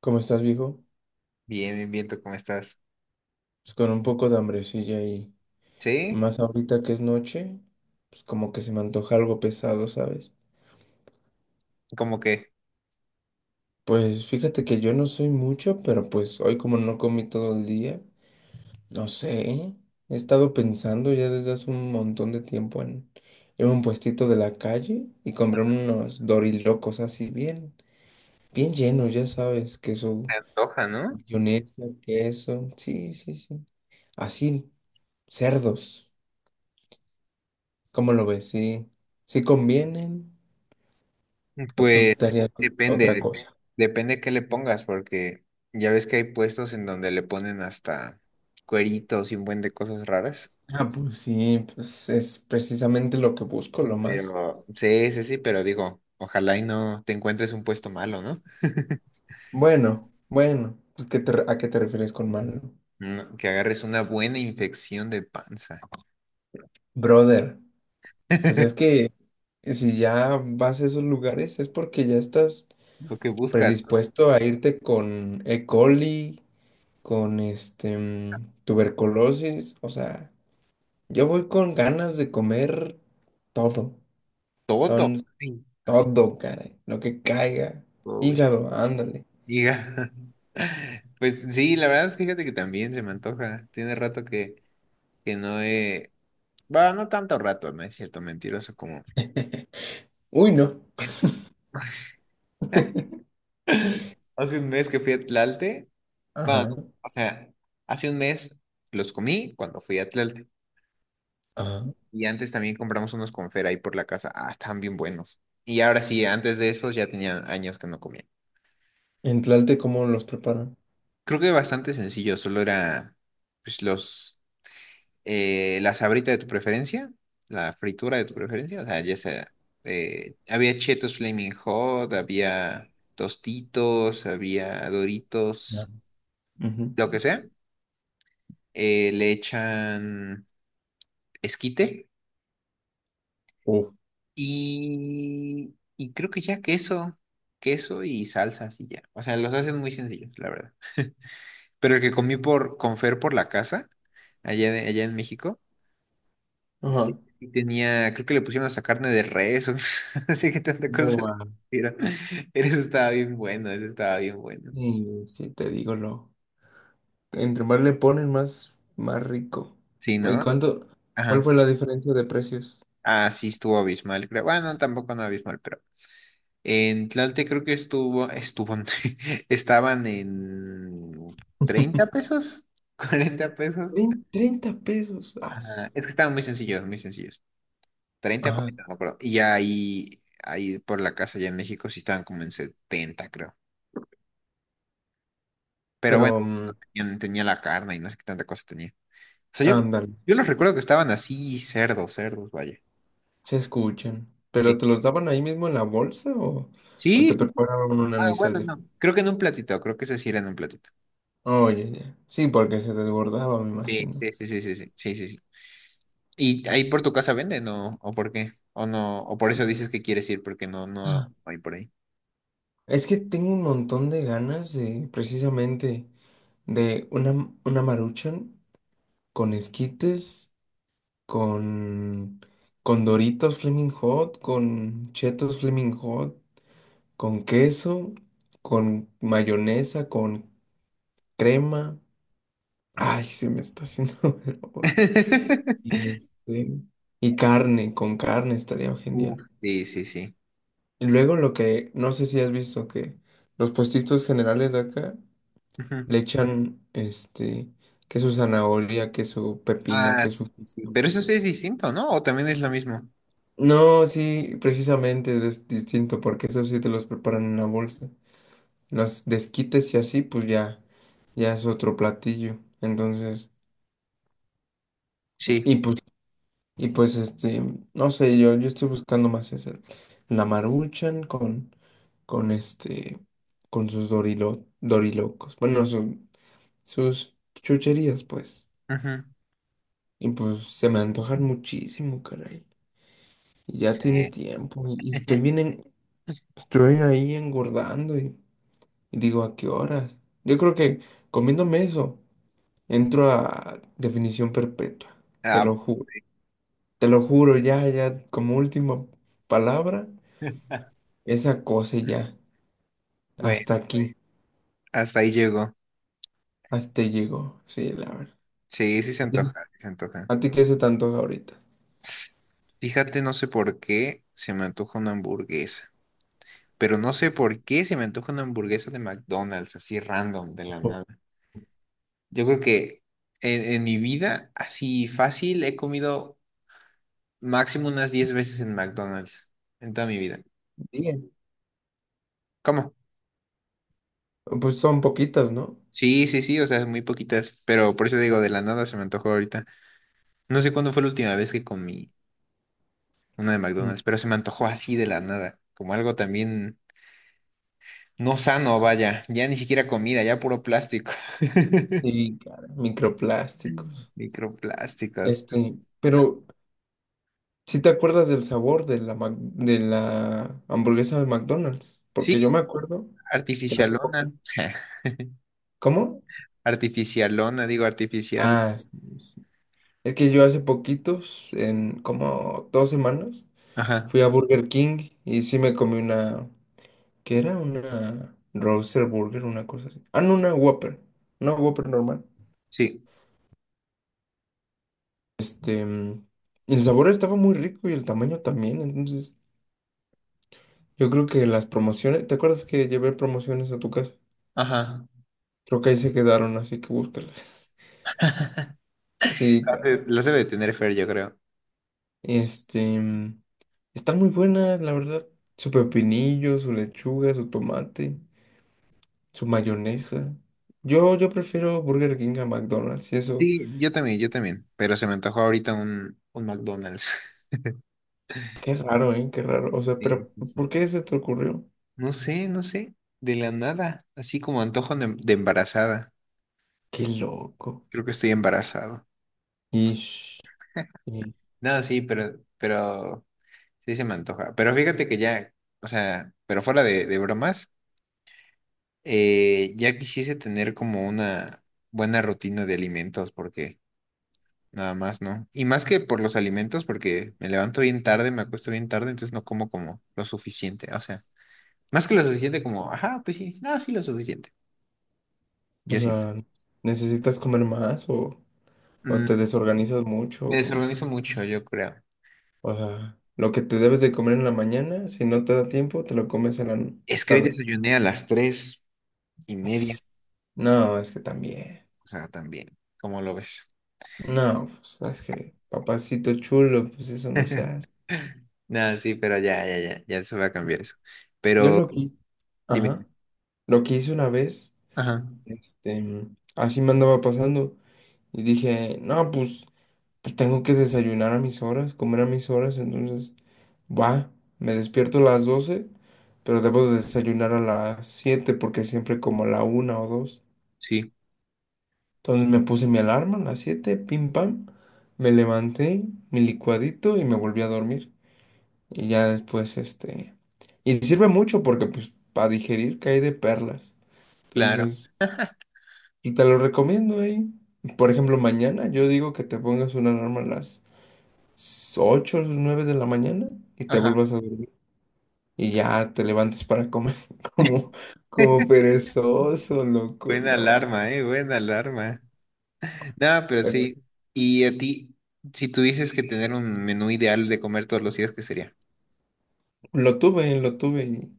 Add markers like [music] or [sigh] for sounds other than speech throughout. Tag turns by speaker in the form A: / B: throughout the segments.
A: ¿Cómo estás, viejo?
B: Bien, bien, bien, ¿tú cómo estás?
A: Pues con un poco de hambrecilla y
B: Sí,
A: más ahorita que es noche, pues como que se me antoja algo pesado, ¿sabes?
B: como que
A: Pues fíjate que yo no soy mucho, pero pues hoy como no comí todo el día, no sé, ¿eh? He estado pensando ya desde hace un montón de tiempo en ir a un puestito de la calle y comprarme unos dorilocos así bien, bien llenos, ya sabes, queso,
B: se antoja, ¿no?
A: mayonesa, queso, sí, sí, sí, así, cerdos. ¿Cómo lo ves? ¿Sí, sí convienen? ¿O tú
B: Pues
A: estarías
B: depende,
A: otra
B: dep-
A: cosa?
B: depende qué le pongas, porque ya ves que hay puestos en donde le ponen hasta cueritos y un buen de cosas raras.
A: Ah, pues sí, pues es precisamente lo que busco, lo más.
B: Pero sí, sí, sí, pero digo, ojalá y no te encuentres un puesto malo, ¿no?
A: Bueno, bueno, pues ¿a qué te refieres con malo?
B: No, que agarres una buena infección de panza.
A: Brother, pues es
B: [laughs]
A: que si ya vas a esos lugares es porque ya estás
B: Lo que busca
A: predispuesto a irte con E. coli, con este tuberculosis, o sea, yo voy con ganas de comer todo.
B: todo. Ay, así,
A: Todo, caray. Lo que caiga. Hígado, ándale.
B: Giga. [laughs] Pues sí, la verdad, fíjate que también se me antoja. Tiene rato que no he. Va, no tanto rato, no es cierto, mentiroso, como
A: Uy, no.
B: es. Hace un mes que fui a Tlalte. Va,
A: Ajá,
B: no, o sea, hace un mes los comí cuando fui a Tlalte.
A: ajá.
B: Y antes también compramos unos confer ahí por la casa. Ah, estaban bien buenos. Y ahora sí, antes de esos ya tenía años que no comía.
A: En Tlalte, ¿cómo los preparan?
B: Creo que bastante sencillo, solo era pues los la sabrita de tu preferencia, la fritura de tu preferencia, o sea, ya sea, había Cheetos Flaming Hot, había Tostitos, había
A: Ya.
B: Doritos,
A: Ujú.
B: lo que sea, le echan esquite
A: Uf.
B: y creo que ya queso, queso y salsas y ya, o sea, los hacen muy sencillos, la verdad. Pero el que comí por, con Fer por la casa, allá en México,
A: Ajá.
B: y tenía, creo que le pusieron hasta carne de res, o [laughs] así que tanta cosa le
A: Boa.
B: pusieron. Eso estaba bien bueno, eso estaba bien bueno.
A: Sí, sí, te digo lo. Entre más le ponen, más, más rico.
B: Sí,
A: ¿Y
B: ¿no?
A: cuánto? ¿Cuál
B: Ajá.
A: fue la diferencia de precios?
B: Ah, sí, estuvo abismal, creo. Bueno, tampoco no abismal, pero en Tlalte creo que estuvo, [laughs] estaban en 30
A: [laughs]
B: pesos, [laughs] 40 pesos.
A: 30 pesos.
B: Ajá.
A: As.
B: Es que estaban muy sencillos, muy sencillos. 30,
A: Ah,
B: 40 no me acuerdo. Y ya ahí por la casa, allá en México, sí estaban como en 70 creo. Pero bueno,
A: pero,
B: tenía la carne y no sé qué tanta cosa tenía. Sea, yo,
A: ándale,
B: yo los recuerdo que estaban así, cerdos, cerdos, vaya.
A: se escuchan. ¿Pero
B: Sí.
A: te los daban ahí mismo en la bolsa o
B: Sí.
A: te
B: Sí.
A: preparaban un
B: Ah, bueno,
A: anisal?
B: no. Creo que en un platito, creo que ese sí era en un platito.
A: Oye, ya. Sí, porque se desbordaba, me
B: Sí,
A: imagino.
B: sí, sí, sí, sí, sí, sí, sí. Sí. ¿Y ahí por tu casa venden o por qué? O no, o por eso
A: Eso.
B: dices que quieres ir porque no, no
A: Ah.
B: hay por ahí.
A: Es que tengo un montón de ganas de, precisamente, de una Maruchan con esquites, con, con Doritos Flaming Hot, con Cheetos Flaming Hot, con queso, con mayonesa, con crema. Ay, se me está haciendo [laughs] agua la boca.
B: [laughs]
A: Y, este, y carne, con carne estaría
B: Uf,
A: genial.
B: sí, sí, sí.
A: Y luego lo que, no sé si has visto que los puestitos generales de acá
B: Ujú.
A: le echan, que su zanahoria, que su pepino,
B: Ah,
A: que
B: sí,
A: su.
B: sí, sí. Pero eso sí es distinto, ¿no? ¿O también es lo mismo?
A: No, sí, precisamente es distinto, porque eso sí te los preparan en una bolsa. Los desquites y así, pues ya, ya es otro platillo. Entonces,
B: Sí.
A: y pues, y pues no sé, yo estoy buscando más eso. La Maruchan con este, con sus dorilocos. Bueno, sus chucherías, pues.
B: Ujú.
A: Y pues se me antojan muchísimo, caray. Y ya tiene
B: Sí.
A: tiempo y estoy
B: [laughs]
A: bien, estoy ahí engordando y digo, ¿a qué horas? Yo creo que comiéndome eso, entro a definición perpetua, te
B: Ah,
A: lo juro. Te lo juro, ya, ya, como última palabra, esa cosa y ya,
B: bueno,
A: hasta aquí,
B: hasta ahí llegó.
A: hasta ahí llegó, sí, la verdad.
B: Sí, sí se
A: ¿A ti,
B: antoja, sí se antoja.
A: a ti qué se tanto ahorita?
B: Fíjate, no sé por qué se me antoja una hamburguesa, pero no sé por qué se me antoja una hamburguesa de McDonald's, así random, de la nada. Yo creo que en mi vida, así fácil, he comido máximo unas 10 veces en McDonald's, en toda mi vida.
A: Bien.
B: ¿Cómo?
A: Pues son poquitas, ¿no?
B: Sí, sí, sí, o sea, muy poquitas, pero por eso digo, de la nada se me antojó ahorita. No sé cuándo fue la última vez que comí una de McDonald's, pero se me antojó así de la nada, como algo también no sano, vaya, ya ni siquiera comida, ya puro plástico. [laughs]
A: Sí, cara, microplásticos.
B: Microplásticos.
A: Pero si te acuerdas del sabor de la hamburguesa de McDonald's? Porque yo
B: Sí,
A: me acuerdo que hace
B: artificialona.
A: poquito.
B: [laughs]
A: ¿Cómo?
B: Artificialona, digo artificial.
A: Ah, sí, sí. Es que yo hace poquitos, en como 2 semanas,
B: Ajá,
A: fui a Burger King y sí me comí una. ¿Qué era? Una Roaster Burger, una cosa así. Ah, no, una Whopper. Una Whopper normal.
B: sí,
A: Este. mm, Y el sabor estaba muy rico y el tamaño también, entonces. Yo creo que las promociones, ¿te acuerdas que llevé promociones a tu casa?
B: ajá.
A: Creo que ahí se quedaron, así que búscalas. [laughs]
B: [laughs]
A: Sí,
B: Las
A: claro.
B: de- las debe de tener Fer, yo creo.
A: Este, mm, Están muy buenas, la verdad. Su pepinillo, su lechuga, su tomate, su mayonesa. Yo prefiero Burger King a McDonald's y eso.
B: Sí, yo también, yo también. Pero se me antojó ahorita un McDonald's. [laughs]
A: Qué raro, ¿eh? Qué raro. O sea,
B: Sí,
A: pero
B: sí, sí.
A: ¿por qué se te ocurrió?
B: No sé, no sé. De la nada. Así como antojo de embarazada.
A: Qué loco.
B: Creo que estoy embarazado.
A: Ish, ish.
B: No, sí, pero sí se me antoja. Pero fíjate que ya, o sea, pero fuera de bromas. Ya quisiese tener como una buena rutina de alimentos, porque nada más, ¿no? Y más que por los alimentos, porque me levanto bien tarde, me acuesto bien tarde, entonces no como como lo suficiente. O sea, más que lo suficiente como, ajá, pues sí, no, sí lo suficiente.
A: O
B: Yo siento.
A: sea, ¿necesitas comer más o te
B: Mm,
A: desorganizas mucho
B: me
A: o cómo?
B: desorganizo mucho, yo creo.
A: O sea, lo que te debes de comer en la mañana, si no te da tiempo, te lo comes en la
B: Es que hoy
A: tarde.
B: desayuné a las 3:30,
A: No, es que también.
B: o sea, también, ¿cómo lo ves?
A: No, pues es que papacito chulo, pues eso no se
B: [laughs]
A: hace.
B: No, sí, pero ya, ya, ya, ya se va a cambiar eso.
A: Yo
B: Pero
A: lo que,
B: dime.
A: ajá, lo que hice una vez,
B: Ajá,
A: este, así me andaba pasando y dije, no, pues tengo que desayunar a mis horas, comer a mis horas, entonces, va, me despierto a las 12 pero debo de desayunar a las 7 porque siempre como a la 1 o 2.
B: sí,
A: Entonces me puse mi alarma a las 7 pim pam, me levanté, mi licuadito y me volví a dormir. Y ya después. Y sirve mucho porque pues para digerir cae de perlas.
B: claro.
A: Entonces, y te lo recomiendo ahí. Por ejemplo, mañana yo digo que te pongas una alarma a las 8 o 9 de la mañana y te
B: Ajá.
A: vuelvas a dormir. Y ya te levantes para comer [laughs]
B: [laughs]
A: como, como perezoso, loco,
B: Buena
A: no.
B: alarma, buena alarma. No, pero sí. Y a ti, si tuvieses que tener un menú ideal de comer todos los días, ¿qué sería?
A: Lo tuve y,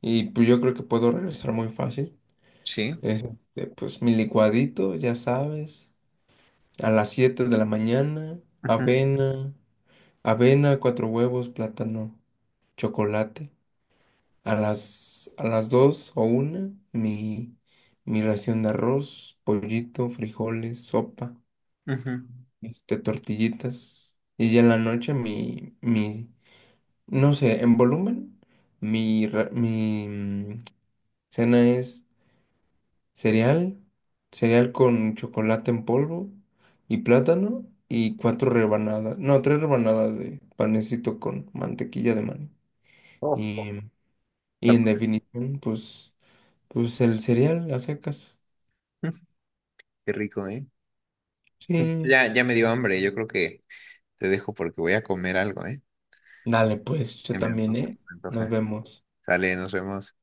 A: y, pues yo creo que puedo regresar muy fácil.
B: Sí.
A: Es este, pues mi licuadito, ya sabes, a las 7 de la mañana,
B: Ujú,
A: avena, avena, cuatro huevos, plátano, chocolate. A las 2 o 1 mi ración de arroz, pollito, frijoles, sopa,
B: ujú.
A: tortillitas. Y ya en la noche mi, no sé, en volumen, mi, ra- mi mm, cena es cereal, cereal con chocolate en polvo y plátano y cuatro rebanadas, no, tres rebanadas de panecito con mantequilla de maní.
B: Ojo.
A: Y, y
B: Está-
A: en definición, pues el cereal a secas.
B: ujú. Qué rico, ¿eh?
A: Sí.
B: Ya, ya me dio hambre. Yo creo que te dejo porque voy a comer algo, ¿eh?
A: Dale, pues, yo
B: Me
A: también,
B: antoja,
A: ¿eh?
B: me
A: Nos
B: antoja.
A: vemos.
B: Sale, nos vemos.